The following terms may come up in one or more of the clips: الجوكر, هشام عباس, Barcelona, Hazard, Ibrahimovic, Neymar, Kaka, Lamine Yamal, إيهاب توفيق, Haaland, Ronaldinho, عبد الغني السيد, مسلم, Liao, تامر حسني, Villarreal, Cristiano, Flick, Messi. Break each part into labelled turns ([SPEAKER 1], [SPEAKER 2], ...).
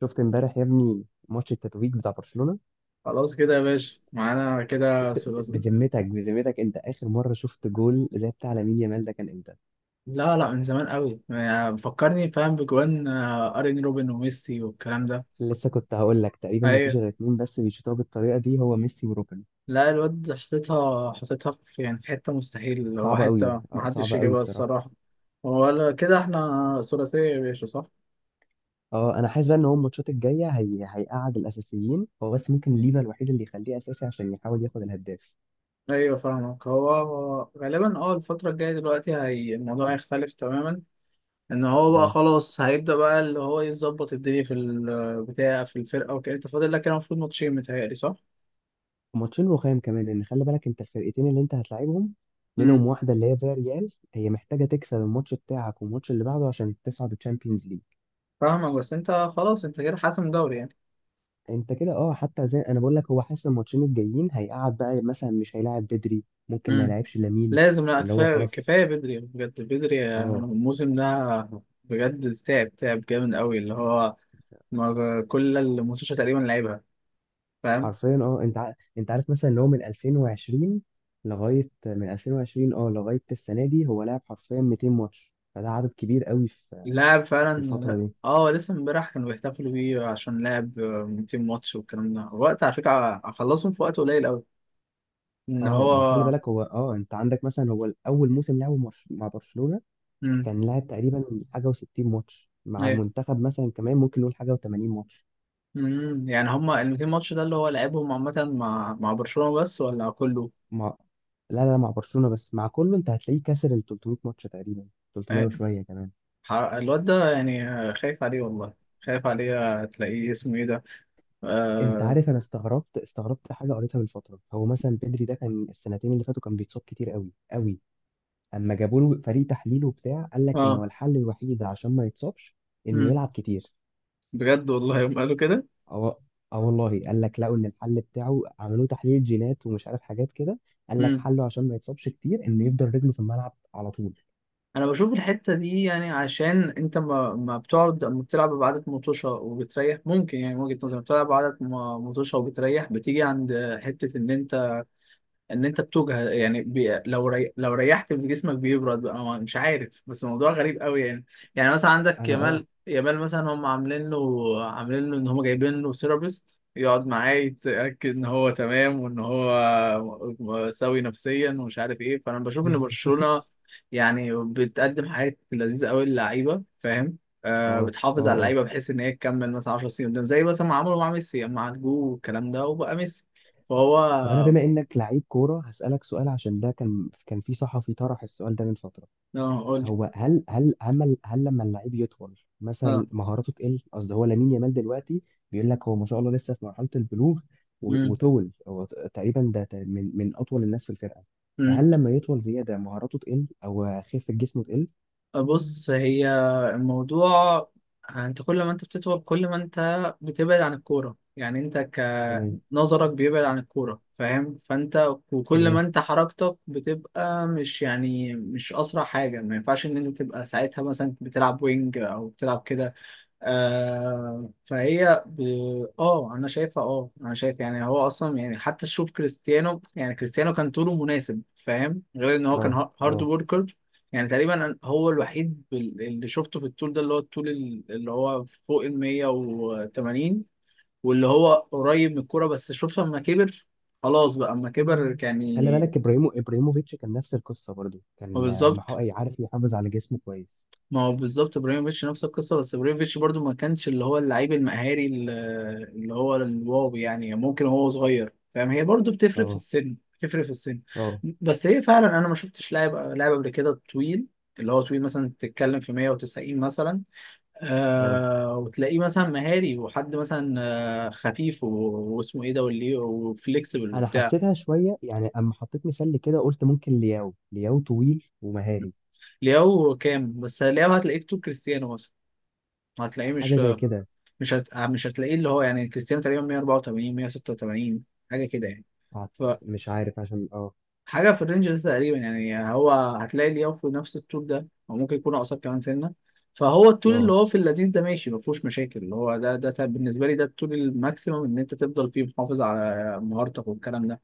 [SPEAKER 1] شفت امبارح يا ابني ماتش التتويج بتاع برشلونة.
[SPEAKER 2] خلاص كده يا باشا، معانا كده
[SPEAKER 1] شفت
[SPEAKER 2] ثلاثي.
[SPEAKER 1] بذمتك بذمتك، انت اخر مرة شفت جول زي بتاع لامين يامال ده كان امتى؟
[SPEAKER 2] لا، لا، من زمان قوي يعني، بفكرني فاهم بجوان، ارين روبن وميسي والكلام ده.
[SPEAKER 1] لسه كنت هقول لك، تقريبا ما فيش
[SPEAKER 2] ايوه.
[SPEAKER 1] غير اتنين بس بيشوطوها بالطريقة دي، هو ميسي وروبن.
[SPEAKER 2] لا، الواد حطيتها في، يعني في حته مستحيل، اللي هو
[SPEAKER 1] صعبة قوي،
[SPEAKER 2] حته ما حدش
[SPEAKER 1] صعبة قوي
[SPEAKER 2] يجيبها
[SPEAKER 1] الصراحة.
[SPEAKER 2] الصراحه. ولا كده، احنا ثلاثيه يا باشا، صح؟
[SPEAKER 1] اه انا حاسس بقى ان هو الماتشات الجاية هيقعد الاساسيين، هو بس ممكن ليفا الوحيد اللي يخليه اساسي عشان يحاول ياخد الهداف.
[SPEAKER 2] ايوه فاهمك. هو غالبا الفتره الجايه دلوقتي، هي الموضوع هيختلف تماما. ان هو بقى
[SPEAKER 1] اه،
[SPEAKER 2] خلاص هيبدا بقى اللي هو يظبط الدنيا في البتاع، في الفرقه وكده. انت فاضل لك كده المفروض ماتشين متهيألي، صح؟
[SPEAKER 1] ماتشين رخام كمان، لان خلي بالك انت الفرقتين اللي انت هتلاعبهم منهم
[SPEAKER 2] مم.
[SPEAKER 1] واحدة اللي هي فياريال، هي محتاجة تكسب الماتش بتاعك والماتش اللي بعده عشان تصعد الشامبيونز ليج.
[SPEAKER 2] فاهمك بس انت. خلاص انت كده حاسم دوري يعني.
[SPEAKER 1] انت كده، اه. حتى زي انا بقول لك، هو حاسس الماتشين الجايين هيقعد بقى، مثلا مش هيلاعب بدري، ممكن ما
[SPEAKER 2] امم
[SPEAKER 1] يلاعبش لامين.
[SPEAKER 2] لازم، لا،
[SPEAKER 1] اللي هو
[SPEAKER 2] كفايه
[SPEAKER 1] خلاص.
[SPEAKER 2] كفايه بدري يعني، بجد بدري،
[SPEAKER 1] اه.
[SPEAKER 2] الموسم ده. بجد تعب تعب جامد قوي اللي هو، كل الماتشات تقريبا لعبها، فاهم،
[SPEAKER 1] حرفيا، اه، انت عارف مثلا ان هو من 2020، لغايه من 2020 اه لغايه السنه دي هو لعب حرفيا 200 ماتش، فده عدد كبير قوي في
[SPEAKER 2] لاعب
[SPEAKER 1] في الفتره
[SPEAKER 2] فعلا.
[SPEAKER 1] دي.
[SPEAKER 2] اه، لسه امبارح كانوا بيحتفلوا بيه عشان لعب 200 ماتش والكلام ده، وقت على فكره اخلصهم في وقت قليل قوي ان
[SPEAKER 1] اه،
[SPEAKER 2] هو.
[SPEAKER 1] ما هو خلي بالك هو، اه، انت عندك مثلا هو اول موسم لعبه مع برشلونه،
[SPEAKER 2] امم
[SPEAKER 1] كان لعب تقريبا حاجه و60 ماتش، مع
[SPEAKER 2] ايه،
[SPEAKER 1] منتخب مثلا كمان ممكن نقول حاجه و80 ماتش.
[SPEAKER 2] يعني هما ال 200 ماتش ده اللي هو لعبهم عامه مع برشلونه بس ولا كله؟
[SPEAKER 1] مع لا لا، مع برشلونة بس، مع كله انت هتلاقيه كسر ال 300 ماتش تقريبا، 300 وشوية كمان.
[SPEAKER 2] الواد ده يعني، خايف عليه والله، خايف عليه، تلاقيه اسمه ايه ده.
[SPEAKER 1] انت
[SPEAKER 2] اه,
[SPEAKER 1] عارف، انا استغربت استغربت حاجة قريتها من فترة. هو مثلا بدري ده كان السنتين اللي فاتوا كان بيتصاب كتير قوي قوي، اما جابوا له فريق تحليل وبتاع قال لك ان هو
[SPEAKER 2] آه.
[SPEAKER 1] الحل الوحيد عشان ما يتصابش انه
[SPEAKER 2] مم.
[SPEAKER 1] يلعب كتير.
[SPEAKER 2] بجد والله يوم قالوا كده.
[SPEAKER 1] اه. اه والله، قال لك لقوا ان الحل بتاعه، عملوه تحليل جينات ومش عارف حاجات كده، قال لك
[SPEAKER 2] مم.
[SPEAKER 1] حله عشان ما يتصابش كتير انه يفضل رجله في الملعب على طول.
[SPEAKER 2] انا بشوف الحتة دي، يعني عشان انت ما بتقعد، ما بتلعب بعدد مطوشة وبتريح، ممكن يعني من وجهة نظري بتلعب بعدد مطوشة وبتريح، بتيجي عند حتة ان انت، ان انت بتوجع يعني، لو ريحت من جسمك بيبرد بقى، مش عارف، بس موضوع غريب قوي يعني. يعني مثلا عندك
[SPEAKER 1] انا
[SPEAKER 2] يامال مثلا، هم عاملين له ان هم جايبين له سيرابيست يقعد معاه، يتاكد ان هو تمام وان هو سوي نفسيا ومش عارف ايه. فانا بشوف ان برشلونه يعني بتقدم حاجات لذيذه قوي للعيبه، فاهم. آه،
[SPEAKER 1] اه
[SPEAKER 2] بتحافظ على
[SPEAKER 1] اه
[SPEAKER 2] اللعيبه بحيث ان هي تكمل مثلا 10 سنين قدام، زي مثلا ما عملوا مع ميسي مع الجو والكلام ده، وبقى ميسي. فهو
[SPEAKER 1] طب انا بما انك لعيب كوره هسالك سؤال، عشان ده كان في صحفي طرح السؤال ده من فتره.
[SPEAKER 2] قول.
[SPEAKER 1] هو هل لما اللعيب يطول
[SPEAKER 2] اه
[SPEAKER 1] مثلا مهاراته تقل؟ قصدي هو لامين يامال دلوقتي بيقول لك هو ما شاء الله لسه في مرحله البلوغ،
[SPEAKER 2] امم
[SPEAKER 1] وطول هو تقريبا ده من اطول الناس في الفرقه،
[SPEAKER 2] امم
[SPEAKER 1] فهل لما يطول زياده مهاراته تقل او خفه جسمه تقل؟
[SPEAKER 2] بص، هي الموضوع. انت كل ما انت بتطول، كل ما انت بتبعد عن الكوره، يعني انت
[SPEAKER 1] تمام.
[SPEAKER 2] كنظرك بيبعد عن الكوره، فاهم. فانت وكل ما
[SPEAKER 1] تمام.
[SPEAKER 2] انت حركتك بتبقى مش، يعني مش اسرع حاجه، ما ينفعش ان انت تبقى ساعتها مثلا بتلعب وينج او بتلعب كده. آه، اه انا شايفها، انا شايف، يعني هو اصلا يعني، حتى تشوف كريستيانو، يعني كريستيانو كان طوله مناسب، فاهم، غير ان هو كان
[SPEAKER 1] اه.
[SPEAKER 2] هارد
[SPEAKER 1] اه،
[SPEAKER 2] وركر. يعني تقريبا هو الوحيد اللي شفته في الطول ده، اللي هو الطول اللي هو فوق ال 180، واللي هو قريب من الكوره، بس شوف لما كبر. خلاص بقى اما كبر
[SPEAKER 1] خلي
[SPEAKER 2] يعني.
[SPEAKER 1] بالك ابراهيموفيتش كان نفس القصه، برضو كان آه،
[SPEAKER 2] بالظبط.
[SPEAKER 1] عارف يحافظ على جسمه كويس.
[SPEAKER 2] ما هو بالظبط ابراهيموفيتش نفس القصه، بس ابراهيموفيتش برضو ما كانش اللي هو اللعيب المهاري اللي هو الواو يعني، ممكن هو صغير، فاهم، هي برضو بتفرق في
[SPEAKER 1] اه.
[SPEAKER 2] السن، بتفرق في السن.
[SPEAKER 1] اه،
[SPEAKER 2] بس هي فعلا انا ما شفتش لاعب قبل كده طويل، اللي هو طويل مثلا تتكلم في 190 مثلا،
[SPEAKER 1] اه
[SPEAKER 2] وتلاقيه مثلا مهاري وحد مثلا، آه، خفيف واسمه ايه ده، واللي وفليكسبل
[SPEAKER 1] انا
[SPEAKER 2] وبتاع.
[SPEAKER 1] حسيتها شويه يعني، اما حطيت مثال كده قلت ممكن لياو، طويل ومهاري
[SPEAKER 2] لياو كام؟ بس لياو هتلاقيه في طول كريستيانو مثلا، هتلاقيه
[SPEAKER 1] حاجه
[SPEAKER 2] مش،
[SPEAKER 1] زي كده.
[SPEAKER 2] مش هتلاقيه اللي هو يعني، كريستيانو تقريبا 184 186، حاجه كده يعني.
[SPEAKER 1] مش عارف عشان
[SPEAKER 2] فحاجه في الرينج ده تقريبا يعني، هو هتلاقي لياو في نفس الطول ده او ممكن يكون اقصر كمان سنه. فهو الطول اللي
[SPEAKER 1] اه
[SPEAKER 2] هو في اللذيذ ده ماشي، ما فيهوش مشاكل اللي هو بالنسبه لي ده الطول الماكسيمم ان انت تفضل فيه محافظ على مهارتك والكلام ده.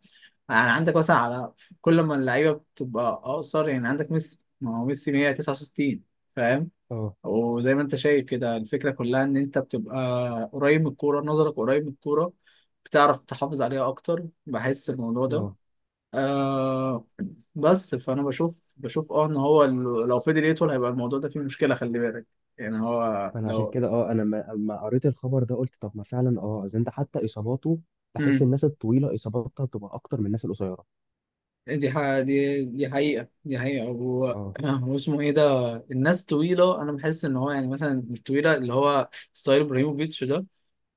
[SPEAKER 2] يعني عندك مثلا على، كل ما اللعيبه بتبقى اقصر، يعني عندك ميسي، ما هو ميسي 169، فاهم،
[SPEAKER 1] اه
[SPEAKER 2] وزي ما انت شايف كده الفكرة كلها ان انت بتبقى قريب من الكورة، نظرك قريب من الكورة، بتعرف تحافظ عليها اكتر، بحس الموضوع ده.
[SPEAKER 1] اه
[SPEAKER 2] آه، بس فانا بشوف ان هو لو فضل يطول هيبقى الموضوع ده فيه مشكلة، خلي بالك. يعني هو
[SPEAKER 1] فانا عشان
[SPEAKER 2] لو.
[SPEAKER 1] كده، اه، انا اما قريت الخبر ده قلت، طب ما فعلا، اه، اذا انت حتى اصاباته، بحس
[SPEAKER 2] امم
[SPEAKER 1] الناس الطويله اصاباتها بتبقى اكتر من الناس القصيره.
[SPEAKER 2] دي حقيقة، دي حقيقة. هو
[SPEAKER 1] اه.
[SPEAKER 2] هو اسمه ايه ده. الناس طويلة، انا بحس ان هو يعني مثلا الطويلة اللي هو ستايل ابراهيموفيتش ده،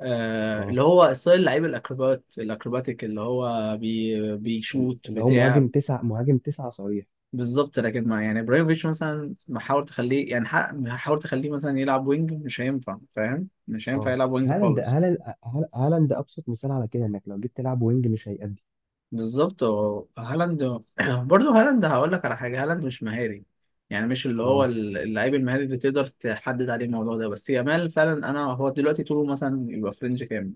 [SPEAKER 1] اه،
[SPEAKER 2] اللي هو ستايل لعيب الاكروبات الاكروباتيك اللي هو بيشوت
[SPEAKER 1] اللي هو
[SPEAKER 2] بتاع.
[SPEAKER 1] مهاجم تسعه، مهاجم تسعه صريح.
[SPEAKER 2] بالظبط، لكن ما يعني ابراهيموفيتش مثلا محاول تخليه يعني، حاول تخليه مثلا يلعب وينج، مش هينفع، فاهم، مش هينفع
[SPEAKER 1] اه،
[SPEAKER 2] يلعب وينج
[SPEAKER 1] هالاند،
[SPEAKER 2] خالص.
[SPEAKER 1] هالاند ابسط مثال على كده، انك لو جيت تلعب وينج مش هيأدي.
[SPEAKER 2] بالظبط. هو هالاند. برضه هالاند هقول لك على حاجه، هالاند مش مهاري، يعني مش اللي هو
[SPEAKER 1] اه،
[SPEAKER 2] اللعيب المهاري اللي تقدر تحدد عليه الموضوع ده. بس يامال فعلا، انا هو دلوقتي طوله مثلا يبقى فرنج كام،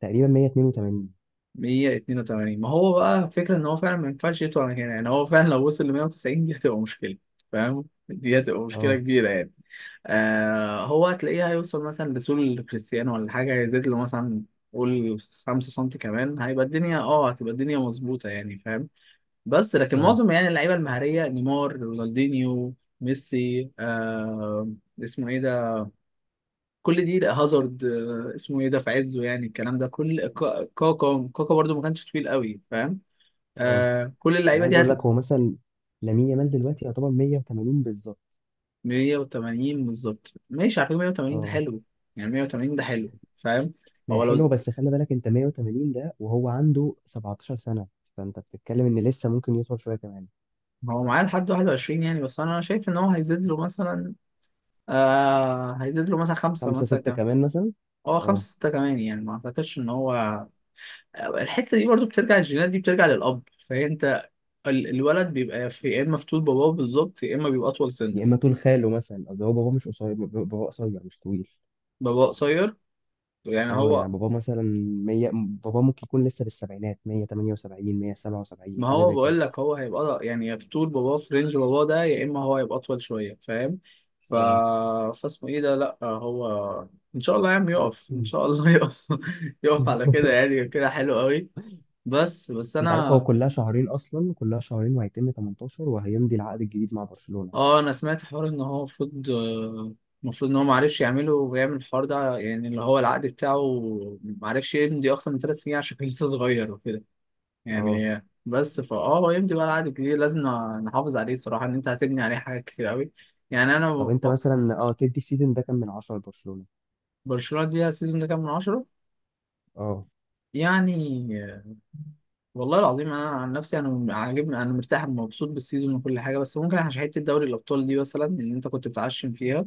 [SPEAKER 1] تقريبا 182.
[SPEAKER 2] 182. ما هو بقى فكرة ان هو فعلا ما ينفعش يطلع من هنا، يعني هو فعلا لو وصل ل 190 دي هتبقى مشكلة، فاهم، دي هتبقى مشكلة
[SPEAKER 1] اه
[SPEAKER 2] كبيرة يعني. آه، هو هتلاقيه هيوصل مثلا لطول كريستيانو، ولا حاجة هيزيد له مثلا، قول، 5 سم كمان، هيبقى الدنيا اه هتبقى الدنيا مظبوطة، يعني فاهم. بس لكن
[SPEAKER 1] اه
[SPEAKER 2] معظم يعني اللعيبة المهارية، نيمار، رونالدينيو، ميسي، اسمه ايه ده كل دي، لا، هازارد، اسمه ايه ده في عزه يعني، الكلام ده كل، كاكا، كاكا برضو ما كانش طويل قوي، فاهم،
[SPEAKER 1] اه،
[SPEAKER 2] آه، كل
[SPEAKER 1] انا
[SPEAKER 2] اللعيبه
[SPEAKER 1] عايز
[SPEAKER 2] دي
[SPEAKER 1] اقول لك،
[SPEAKER 2] هتلاقي
[SPEAKER 1] هو مثلا لامين يامال دلوقتي يعتبر 180 بالظبط.
[SPEAKER 2] 180 بالظبط. ماشي، على فكره 180 ده
[SPEAKER 1] اه،
[SPEAKER 2] حلو، يعني 180 ده حلو، فاهم.
[SPEAKER 1] ما هي
[SPEAKER 2] هو
[SPEAKER 1] حلوه
[SPEAKER 2] لو.
[SPEAKER 1] بس خلي بالك انت 180 ده وهو عنده 17 سنه، فانت بتتكلم ان لسه ممكن يوصل شويه كمان.
[SPEAKER 2] هو معاه لحد 21 يعني، بس انا شايف ان هو هيزيد له مثلا، آه هيزيد له مثلا خمسه
[SPEAKER 1] خمسة
[SPEAKER 2] مثلا
[SPEAKER 1] ستة
[SPEAKER 2] كام.
[SPEAKER 1] كمان مثلا.
[SPEAKER 2] هو
[SPEAKER 1] اه،
[SPEAKER 2] خمسه سته كمان يعني، ما اعتقدش ان هو. الحته دي برضو بترجع، الجينات دي بترجع للاب، فانت الولد بيبقى في يا اما في طول باباه بالظبط، يا اما بيبقى اطول سنه.
[SPEAKER 1] يا اما طول خاله مثلا، قصدي هو بابا مش قصير، بابا قصير مش طويل.
[SPEAKER 2] باباه قصير يعني
[SPEAKER 1] اه،
[SPEAKER 2] هو.
[SPEAKER 1] يعني بابا مثلا 100، بابا ممكن يكون لسه في السبعينات، 178 177
[SPEAKER 2] ما
[SPEAKER 1] حاجه
[SPEAKER 2] هو
[SPEAKER 1] زي كده.
[SPEAKER 2] بقول لك هو هيبقى يعني، يا في طول باباه، في رينج باباه ده، يا اما هو هيبقى اطول شويه، فاهم. ف
[SPEAKER 1] اه.
[SPEAKER 2] فاسمه ايه ده. لا هو، ان شاء الله يا عم يقف، ان شاء الله يقف. يقف على كده يعني، كده حلو قوي. بس بس
[SPEAKER 1] انت عارف هو
[SPEAKER 2] انا،
[SPEAKER 1] كلها شهرين، اصلا كلها شهرين وهيتم 18 وهيمضي العقد الجديد مع برشلونه.
[SPEAKER 2] اه انا سمعت حوار ان هو المفروض، ان هو ما عرفش يعمله ويعمل الحوار ده، يعني اللي هو العقد بتاعه ما عرفش يمضي اكتر من 3 سنين عشان كان لسه صغير
[SPEAKER 1] اه.
[SPEAKER 2] يعني. بس فاه هو يمضي بقى العقد الجديد، لازم نحافظ عليه الصراحه، ان انت هتبني عليه حاجات كتير قوي يعني. انا
[SPEAKER 1] طب انت مثلا، اه، تدي السيزون ده كام من عشرة لبرشلونة؟
[SPEAKER 2] برشلونه دي السيزون ده كام من عشرة؟
[SPEAKER 1] اه.
[SPEAKER 2] يعني والله العظيم انا عن نفسي انا عاجبني، انا مرتاح ومبسوط بالسيزون وكل حاجه، بس ممكن عشان حته دوري الابطال دي مثلا اللي انت كنت بتعشم فيها،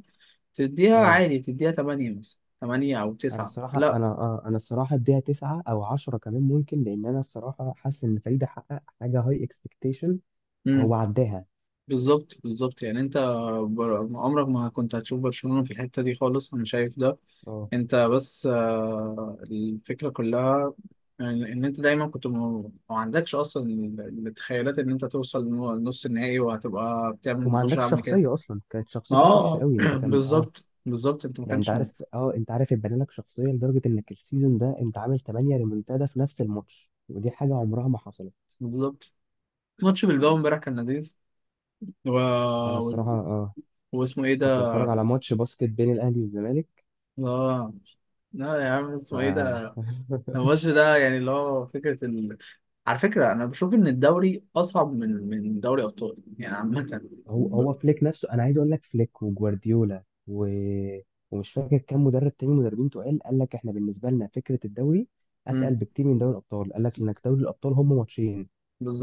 [SPEAKER 2] تديها
[SPEAKER 1] اه،
[SPEAKER 2] عادي، تديها 8 مثلا، 8 او
[SPEAKER 1] انا
[SPEAKER 2] 9.
[SPEAKER 1] الصراحة، انا الصراحة اديها تسعة او عشرة كمان ممكن، لان انا الصراحة حاسس ان فريد حقق حاجة هاي اكسبكتيشن،
[SPEAKER 2] لا،
[SPEAKER 1] هو عداها.
[SPEAKER 2] بالظبط، بالظبط يعني انت، عمرك ما كنت هتشوف برشلونة في الحتة دي خالص، انا شايف ده.
[SPEAKER 1] اه،
[SPEAKER 2] انت بس، الفكرة كلها ان، انت دايما كنت ما عندكش اصلا التخيلات ان انت توصل لنص النهائي وهتبقى بتعمل
[SPEAKER 1] وما
[SPEAKER 2] ماتش
[SPEAKER 1] عندكش
[SPEAKER 2] عامل كده.
[SPEAKER 1] شخصية، اصلا كانت
[SPEAKER 2] ما
[SPEAKER 1] شخصيتك وحشة
[SPEAKER 2] اه
[SPEAKER 1] قوي، انت كان اه.
[SPEAKER 2] بالظبط، بالظبط انت ما
[SPEAKER 1] يعني انت
[SPEAKER 2] كانش
[SPEAKER 1] عارف، اه، انت عارف اتبنى لك شخصية لدرجة انك السيزون ده انت عامل 8 ريمونتادا في نفس الماتش، ودي حاجة عمرها ما حصلت.
[SPEAKER 2] بالظبط. ماتش بالباو امبارح كان لذيذ. و...
[SPEAKER 1] انا
[SPEAKER 2] و...
[SPEAKER 1] الصراحة اه،
[SPEAKER 2] واسمه ايه
[SPEAKER 1] كنت
[SPEAKER 2] ده.
[SPEAKER 1] بتفرج على ماتش باسكت بين الاهلي والزمالك.
[SPEAKER 2] اه لا يا عم،
[SPEAKER 1] ف
[SPEAKER 2] اسمه ايه ده. الماتش ده يعني اللي هو فكرة، على فكرة أنا بشوف إن الدوري أصعب من دوري أبطال يعني عامة.
[SPEAKER 1] هو
[SPEAKER 2] ب-
[SPEAKER 1] فليك نفسه، انا عايز اقول لك فليك وجوارديولا ومش فاكر كام مدرب تاني، مدربين تقال، قال لك احنا بالنسبه لنا فكره الدوري اتقل
[SPEAKER 2] امم
[SPEAKER 1] بكتير من دوري الابطال، قال لك انك دوري الابطال هم ماتشين،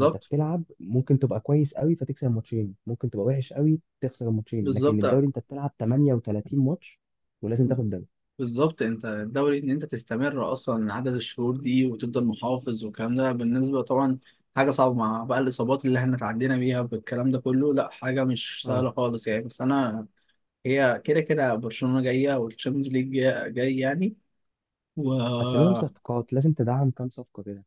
[SPEAKER 1] انت بتلعب ممكن تبقى كويس قوي فتكسب الماتشين، ممكن تبقى وحش قوي تخسر الماتشين، لكن
[SPEAKER 2] بالظبط،
[SPEAKER 1] الدوري انت بتلعب 38 ماتش ولازم تاخد الدوري.
[SPEAKER 2] بالظبط أنت الدوري، إن أنت تستمر أصلا عدد الشهور دي وتفضل محافظ والكلام ده، بالنسبة طبعا حاجة صعبة مع بقى الإصابات اللي إحنا اتعدينا بيها بالكلام ده كله، لأ حاجة مش
[SPEAKER 1] اه.
[SPEAKER 2] سهلة خالص يعني، بس أنا هي كده كده برشلونة جاية والتشامبيونز ليج جاي جاي يعني. و
[SPEAKER 1] بس لازم صفقات، لازم تدعم كام صفقه كده.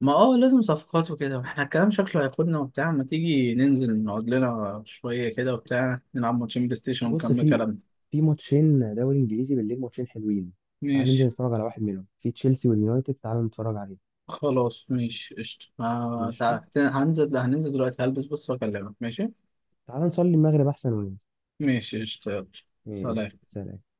[SPEAKER 2] ما اه لازم صفقات وكده، احنا الكلام شكله هياخدنا وبتاع، ما تيجي ننزل نقعد لنا شوية كده وبتاع، نلعب ماتشين بلاي ستيشن
[SPEAKER 1] بص،
[SPEAKER 2] ونكمل
[SPEAKER 1] في
[SPEAKER 2] كلامنا.
[SPEAKER 1] ماتشين دوري انجليزي بالليل، ماتشين حلوين، تعال ننزل
[SPEAKER 2] ماشي.
[SPEAKER 1] نتفرج على واحد منهم، في تشيلسي واليونايتد، تعال نتفرج عليه.
[SPEAKER 2] خلاص ماشي قشطة،
[SPEAKER 1] ماشي،
[SPEAKER 2] هننزل هننزل دلوقتي، هلبس بس واكلمك، ماشي.
[SPEAKER 1] تعال نصلي المغرب احسن وننزل.
[SPEAKER 2] ماشي قشطة، يلا. سلام.
[SPEAKER 1] ماشي، سلام.